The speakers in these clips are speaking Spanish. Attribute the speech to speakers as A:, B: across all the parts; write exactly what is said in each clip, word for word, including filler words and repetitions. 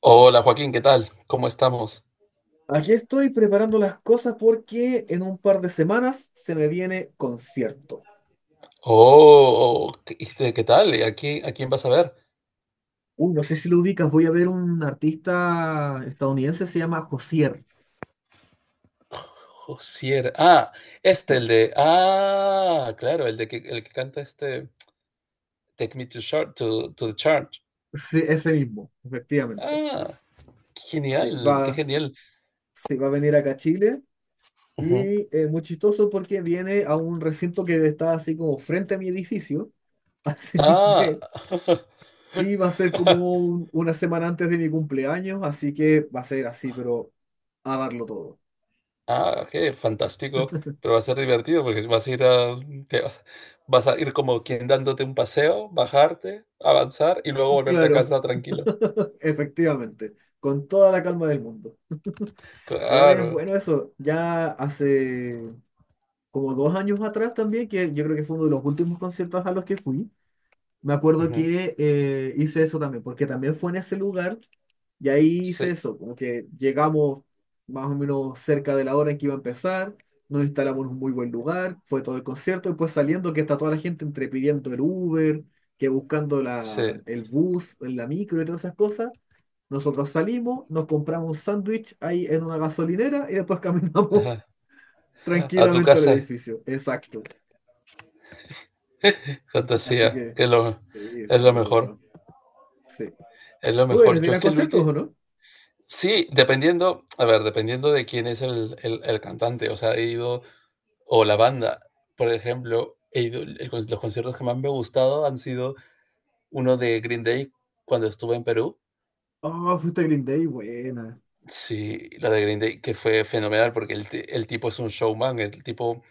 A: Hola Joaquín, ¿qué tal? ¿Cómo estamos?
B: Aquí estoy preparando las cosas porque en un par de semanas se me viene concierto.
A: Oh, oh, ¿qué, este, ¿qué tal? ¿Y ¿A quién, a quién vas a ver?
B: Uy, no sé si lo ubicas, voy a ver un artista estadounidense, se llama Josier.
A: Josier. Ah, este,
B: Josier.
A: el de. Ah, claro, el de que el que canta este Take Me to Short to, to the Church.
B: Sí, ese mismo, efectivamente.
A: Ah, qué
B: Sí, va,
A: genial, qué genial.
B: sí, va a venir acá a Chile
A: Ujú.
B: y eh, muy chistoso porque viene a un recinto que está así como frente a mi edificio. Así
A: Ah,
B: que, y va a ser como un- una semana antes de mi cumpleaños, así que va a ser así, pero a darlo todo.
A: ah, qué fantástico. Pero va a ser divertido porque vas a ir a, te vas, vas a ir como quien dándote un paseo, bajarte, avanzar y luego volverte a
B: Claro.
A: casa tranquilo.
B: Efectivamente, con toda la calma del mundo. Igual es
A: Claro.
B: bueno eso, ya hace como dos años atrás también, que yo creo que fue uno de los últimos conciertos a los que fui. Me acuerdo
A: Ujú.
B: que eh, hice eso también, porque también fue en ese lugar, y ahí hice
A: Sí.
B: eso, como que llegamos más o menos cerca de la hora en que iba a empezar, nos instalamos en un muy buen lugar, fue todo el concierto y pues saliendo que está toda la gente entre pidiendo el Uber, que buscando
A: Sí,
B: la, el bus, la micro y todas esas cosas. Nosotros salimos, nos compramos un sándwich ahí en una gasolinera y después caminamos
A: ajá. A tu
B: tranquilamente al
A: casa es
B: edificio. Exacto. Así
A: fantasía,
B: que
A: que es lo,
B: sí,
A: es lo
B: súper
A: mejor,
B: bueno. Sí.
A: es lo
B: ¿Tú eres
A: mejor.
B: de
A: Yo
B: ir
A: es
B: a
A: que el
B: conciertos
A: último,
B: o no?
A: sí, dependiendo, a ver, dependiendo de quién es el, el- el cantante, o sea, he ido, o la banda, por ejemplo, he ido, el con- los conciertos que más me han gustado han sido uno de Green Day cuando estuve en Perú.
B: Oh, fuiste a Green Day, buena.
A: Sí, la de Green Day, que fue fenomenal porque el, ti- el tipo es un showman, el tipo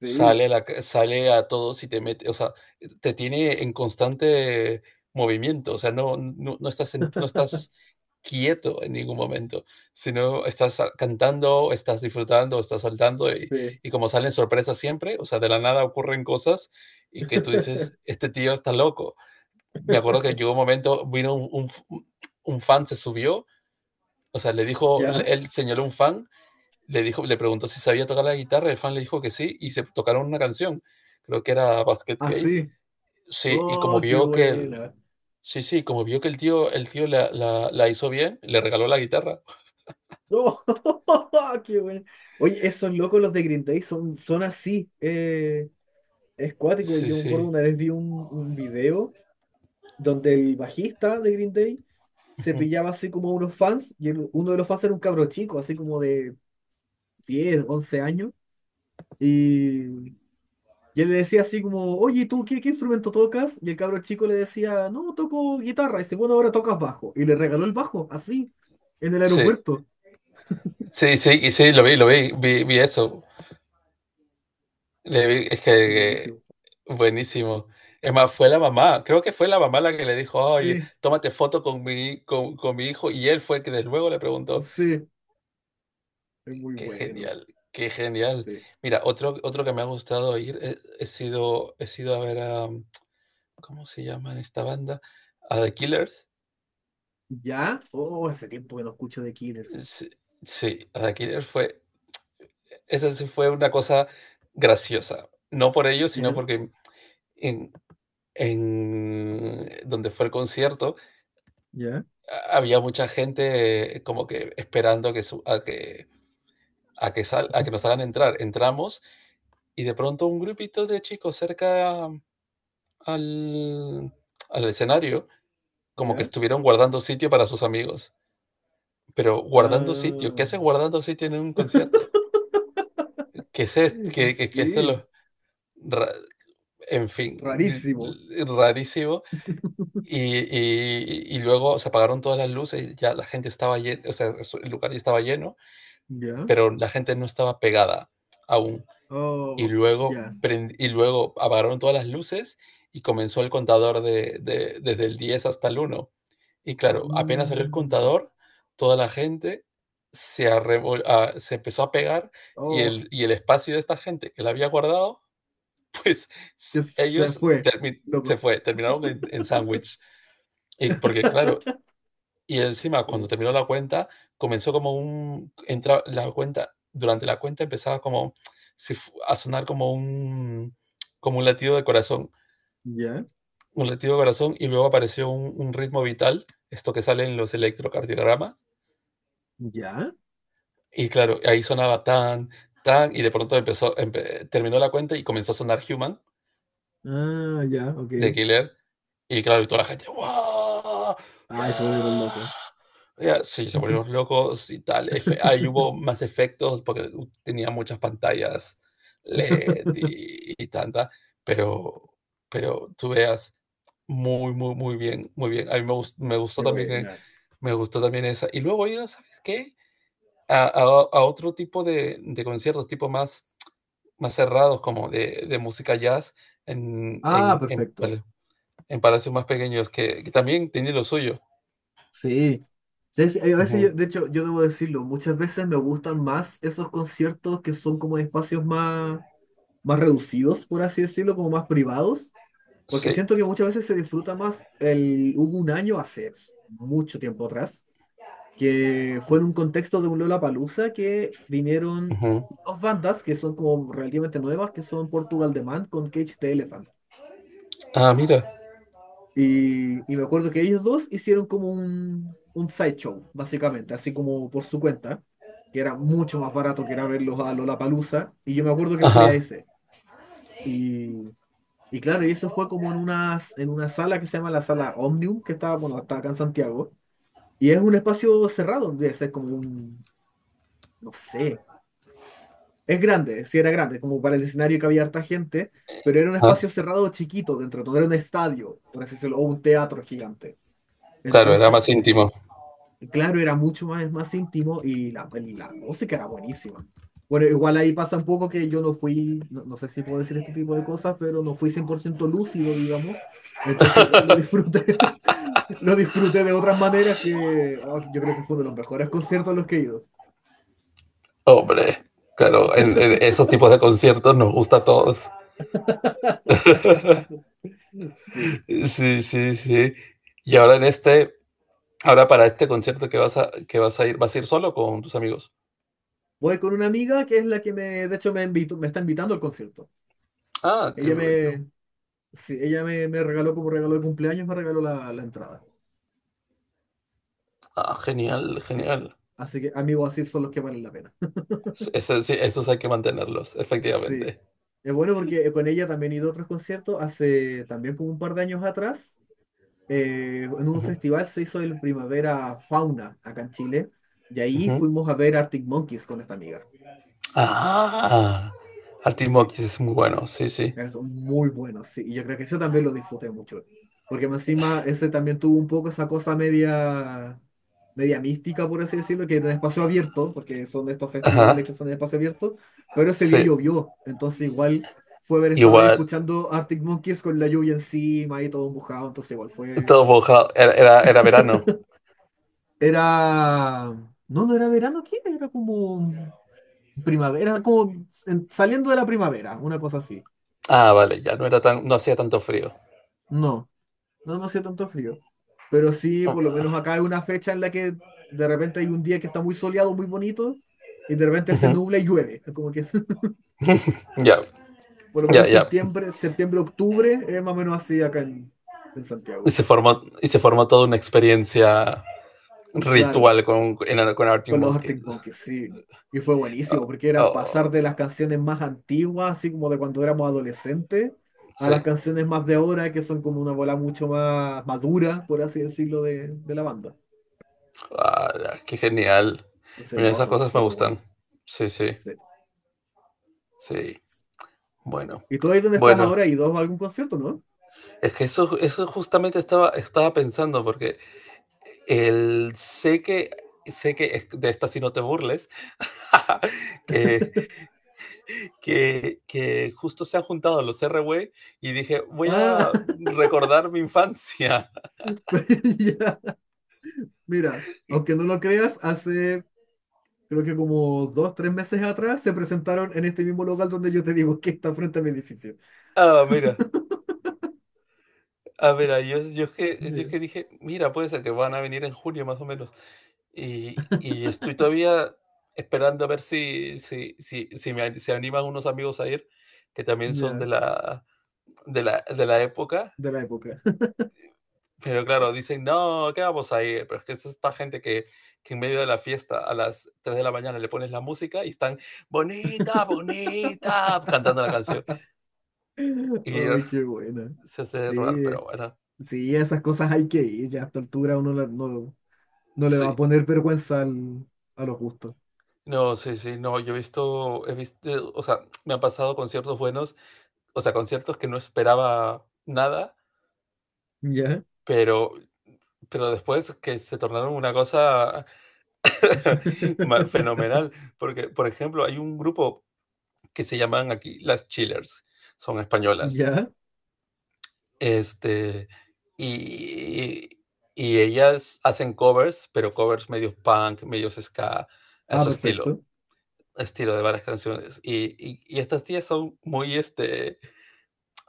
B: Sí,
A: sale a, la ca- sale a todos y te mete, o sea, te tiene en constante movimiento, o sea, no, no, no estás, en- no estás quieto en ningún momento, sino estás ah, cantando, estás disfrutando, estás saltando y,
B: sí.
A: y como salen sorpresas siempre, o sea, de la nada ocurren cosas y que tú dices, este tío está loco. Me acuerdo que llegó un momento, vino un, un f- un fan, se subió, o sea, le dijo,
B: Ya,
A: él señaló un fan le, dijo, le preguntó si sabía tocar la guitarra, el fan le dijo que sí, y se tocaron una canción, creo que era Basket Case.
B: así.
A: Sí, y como
B: Oh, qué
A: vio que el,
B: buena.
A: sí, sí, como vio que el tío, el tío la, la, la hizo bien, le regaló la guitarra.
B: Oh, qué buena. Oye, esos locos los de Green Day son, son así. Eh, es cuático.
A: Sí,
B: Yo me acuerdo
A: sí.
B: una vez vi un, un video, donde el bajista de Green Day se
A: Ujú.
B: pillaba así como a unos fans, y el- uno de los fans era un cabro chico, así como de diez once años, y, y él le decía así como, oye, ¿tú qué, qué instrumento tocas? Y el cabro chico le decía, no, toco guitarra, y dice, bueno, ahora tocas bajo, y le regaló el bajo, así, en el
A: Sí,
B: aeropuerto.
A: sí, sí, y sí, lo vi, lo vi, vi, vi eso. Le vi- es que
B: Son buenísimos.
A: que buenísimo. Es más, fue la mamá, creo que fue la mamá la que le dijo, oye,
B: Sí,
A: tómate foto con mi, con, con mi hijo, y él fue el que de luego le preguntó.
B: sí, es muy
A: Qué
B: bueno.
A: genial, qué genial.
B: Sí.
A: Mira, otro otro que me ha gustado ir, he he sido he sido a ver a, mm, ¿cómo se llama esta banda? A The Killers.
B: ¿Ya? Oh, hace tiempo que no escucho The Killers.
A: Sí, sí, a The Killers fue, eso sí, fue una cosa graciosa. No por ellos, sino
B: ¿Ya?
A: porque en en donde fue el concierto,
B: ¿Ya?
A: ha había mucha gente eh, como que esperando que su a que a que sal a que nos hagan entrar. Entramos y de pronto un grupito de chicos cerca al, al escenario como que
B: ¿Ya?
A: estuvieron guardando sitio para sus amigos. Pero guardando sitio, ¿qué
B: Ah,
A: hace guardando sitio en un concierto? ¿Qué es esto? ¿Qué, qué, qué es
B: sí.
A: lo... ra- En fin,
B: Rarísimo.
A: rarísimo. Y, y- y luego se apagaron todas las luces, ya la gente estaba llena, o sea, el lugar ya estaba lleno,
B: Ya.
A: pero la gente no estaba pegada aún. Y
B: Oh,
A: luego
B: ya.
A: prend y luego apagaron todas las luces y comenzó el contador de de desde el diez hasta el uno. Y claro, apenas salió el
B: Mm,
A: contador, toda la gente se arrebol ah, se empezó a pegar y
B: oh,
A: el y el espacio de esta gente que la había guardado, pues,
B: que
A: se
B: se
A: ellos
B: fue.
A: termi se
B: Loco.
A: fue, terminaron en en sándwich. Y porque claro, y encima, cuando
B: Oh,
A: terminó la cuenta, comenzó como un entra la cuenta durante la cuenta empezaba como si fu- a sonar como un como un latido de corazón,
B: ya.
A: un latido de corazón, y luego apareció un, un ritmo vital, esto que sale en los electrocardiogramas.
B: Ya.
A: Y claro, ahí sonaba tan, tan y de pronto empezó empe- terminó la cuenta y comenzó a sonar Human
B: Ah, ya,
A: de
B: ok.
A: Killer. Y claro, y toda la gente, ¡guau!
B: Ay, se volvieron
A: ¡Ya!
B: locos.
A: Ya, sí, se volvieron locos y tal. Efe Ahí hubo más efectos porque u tenía muchas pantallas LED y y tanta, pero pero tú veas muy, muy, muy bien, muy bien. A mí me gus me gustó
B: Qué
A: también, eh,
B: buena.
A: me gustó también esa. Y luego he ido, ¿sabes qué? A a a otro tipo de de conciertos, tipo más más cerrados, como de de música jazz en
B: Ah,
A: en en
B: perfecto.
A: en palacios más pequeños que, que también tiene lo suyo.
B: Sí. Sí, sí. A veces,
A: Ujú.
B: yo, de hecho, yo debo decirlo, muchas veces me gustan más esos conciertos que son como de espacios más, más reducidos, por así decirlo, como más privados. Porque
A: Sí.
B: siento que muchas veces se disfruta más el... Hubo un año hace mucho tiempo atrás, que fue en un contexto de un Lollapalooza que vinieron
A: Ujú.
B: dos bandas que son como relativamente nuevas, que son Portugal The Man con Cage the Elephant.
A: Ah, mira.
B: Y, y me acuerdo que ellos dos hicieron como un, un sideshow, básicamente, así como por su cuenta, que era mucho más barato que era verlos a Lollapalooza. Y yo me acuerdo que fui a
A: Ajá,
B: ese. Y claro, y eso fue como en una, en una sala que se llama la sala Omnium, que está, bueno, está acá en Santiago. Y es un espacio cerrado, debe ser como un, no sé, es grande, sí era grande, como para el escenario que había harta gente, pero era un
A: ajá.
B: espacio cerrado chiquito dentro, no era un estadio, por así decirlo, o un teatro gigante.
A: Claro, era más
B: Entonces,
A: íntimo.
B: claro, era mucho más, más íntimo y la, el la música era buenísima. Bueno, igual ahí pasa un poco que yo no fui, no, no sé si puedo decir este tipo de cosas, pero no fui cien por ciento lúcido, digamos. Entonces igual lo disfruté, lo disfruté de otras maneras que oh, yo creo que fue uno de los mejores conciertos a los que he ido.
A: Hombre, claro, en, en esos tipos de conciertos nos gusta a todos.
B: Sí.
A: Sí, sí, sí. Y ahora en este, ahora para este concierto que vas a, que vas a ir, ¿vas a ir solo o con tus amigos?
B: Voy con una amiga que es la que me, de hecho, me invitó, me está invitando al concierto.
A: Ah, qué
B: Ella
A: bueno.
B: me, sí, ella me, me regaló como regalo de cumpleaños, me regaló la, la entrada.
A: Ah, genial,
B: Sí.
A: genial.
B: Así que amigos, así son los que valen la pena.
A: S- sí, esos hay que mantenerlos,
B: Sí.
A: efectivamente.
B: Es bueno porque eh, con ella también he ido a otros conciertos. Hace también como un par de años atrás, eh, en un
A: Ujú,
B: festival se hizo el Primavera Fauna acá en Chile. Y ahí
A: ujú.
B: fuimos a ver Arctic Monkeys con esta amiga.
A: Ah, Arctic
B: Sí,
A: Monkeys es muy bueno, sí, sí.
B: es muy bueno, sí. Y yo creo que eso también lo disfruté mucho. Porque más encima ese también tuvo un poco esa cosa media, media mística, por así decirlo, que era en espacio abierto, porque son de estos festivales que
A: Ajá,
B: son en espacio abierto, pero ese día
A: sí.
B: llovió. Entonces igual fue haber estado ahí
A: Igual,
B: escuchando Arctic Monkeys con la lluvia encima y todo mojado. Entonces igual fue...
A: todo mojado. Era, era, era verano.
B: Era... No, no era verano, ¿qué? Era Era como primavera, como en- saliendo de la primavera, una cosa así.
A: Ah, vale, ya no era tan, no hacía tanto frío.
B: No. No, no hacía tanto frío. Pero sí, por lo menos
A: Ah.
B: acá hay una fecha en la que de repente hay un día que está muy soleado, muy bonito, y de repente se
A: Ujú.
B: nubla y llueve. Es como que
A: Ya,
B: por lo
A: ya,
B: menos
A: ya.
B: septiembre, septiembre, octubre, es más o menos así acá en, en
A: Y
B: Santiago.
A: se formó, y se formó toda una experiencia
B: Claro,
A: ritual con, en, con Arctic
B: con los Arctic
A: Monkeys.
B: Monkeys, sí. Y fue
A: Ah,
B: buenísimo, porque era
A: oh,
B: pasar de las canciones más antiguas, así como de cuando éramos adolescentes, a las
A: sí.
B: canciones más de ahora, que son como una bola mucho más madura, por así decirlo, de, de la banda.
A: Ah, ya, qué genial.
B: Entonces,
A: Mira,
B: no,
A: esas
B: todo
A: cosas me
B: súper bueno.
A: gustan. Sí, sí,
B: Sí.
A: sí. Bueno.
B: ¿Y tú ahí dónde estás
A: Bueno,
B: ahora? ¿Y dos a algún concierto, no?
A: es que eso, eso justamente estaba, estaba pensando, porque El sé que sé que es de esta, si no te burles, que, que, que justo se han juntado los R W y dije, voy a
B: Ah,
A: recordar mi infancia.
B: pues ya. Mira,
A: Y-
B: aunque no lo creas, hace creo que como dos, tres meses atrás se presentaron en este mismo local donde yo te digo que está frente a mi edificio.
A: ah, mira, a ver, ah, mira, yo, yo, es que, yo es
B: Ya,
A: que dije, mira, puede ser que van a venir en junio más o menos. Y, y estoy todavía esperando a ver si, si, si, si me, an- se animan unos amigos a ir, que también son de
B: ya,
A: la, de la, de la época.
B: de la época.
A: Pero claro, dicen, no, ¿qué vamos a ir? Pero es que es esta gente que, que en medio de la fiesta a las tres de la mañana le pones la música y están, bonita, bonita, cantando la canción. Y
B: Ay, qué buena.
A: se hace rogar,
B: Sí,
A: pero bueno,
B: sí, esas cosas hay que ir. Ya a esta altura uno la- no, no le va a
A: sí.
B: poner vergüenza al- a los gustos.
A: No, sí, sí, no, yo he visto, he visto, o sea, me han pasado conciertos buenos, o sea, conciertos que no esperaba nada,
B: Ya,
A: pero, pero después que se tornaron una cosa ma- fenomenal, porque, por ejemplo, hay un grupo que se llaman aquí las Chillers, son españolas.
B: ya.
A: Este, y, y ellas hacen covers, pero covers medios punk, medios ska, a
B: Ah,
A: su estilo,
B: perfecto.
A: estilo de varias canciones. Y, y, y estas tías son muy, este,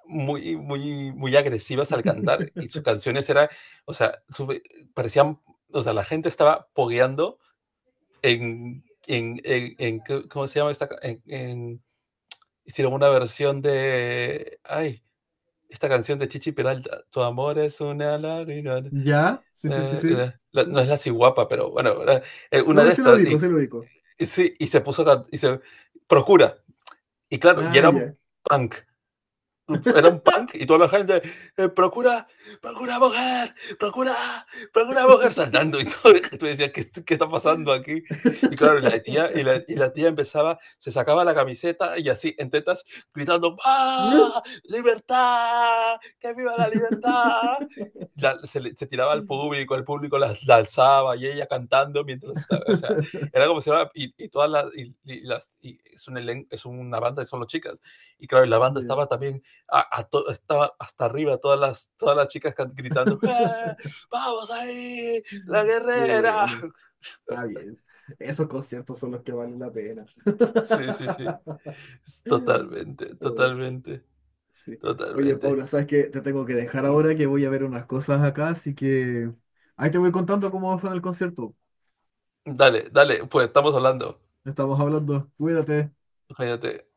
A: muy, muy, muy agresivas al cantar y sus canciones eran, o sea, su- parecían, o sea, la gente estaba pogueando en, en, en, en- ¿cómo se llama esta? En, en- hicieron una versión de, ay, esta canción de Chichi Peralta, Tu amor es una lágrima.
B: Ya, sí, sí, sí,
A: eh,
B: sí.
A: eh, no es la ciguapa, pero bueno, era, eh,
B: No,
A: una
B: pero
A: de
B: sí lo
A: estas.
B: ubico,
A: Y,
B: sí lo ubico.
A: y sí, y se puso, y se procura. Y claro, y
B: Ah,
A: era un
B: ya.
A: punk. Era un punk y toda la gente, eh, procura, procura mujer, procura, procura mujer, saltando y todo. Tú decías, ¿qué, qué está pasando aquí? Y claro, y la tía, y la, y la tía empezaba, se sacaba la camiseta y así en tetas, gritando,
B: No.
A: ¡ah! ¡Libertad! ¡Que viva la libertad! La- se, le- se tiraba al público, el público la, la alzaba y ella cantando mientras estaba, o sea, era como si era, y, y todas las, y, y las, y es, un elen- es una banda y son las chicas. Y claro, y la banda
B: Ya,
A: estaba también, a, a to, estaba hasta arriba todas las, todas las chicas gritando, ¡eh, vamos ahí, la
B: qué
A: guerrera!
B: bueno. Está bien. Esos conciertos son los que valen la pena.
A: Sí, sí, sí, totalmente,
B: Uy,
A: totalmente,
B: sí. Oye,
A: totalmente.
B: Paula, ¿sabes qué? Te tengo que dejar
A: Mm.
B: ahora que voy a ver unas cosas acá, así que ahí te voy contando cómo va a ser el concierto.
A: Dale, dale, pues estamos hablando.
B: Estamos hablando. Cuídate.
A: Cállate.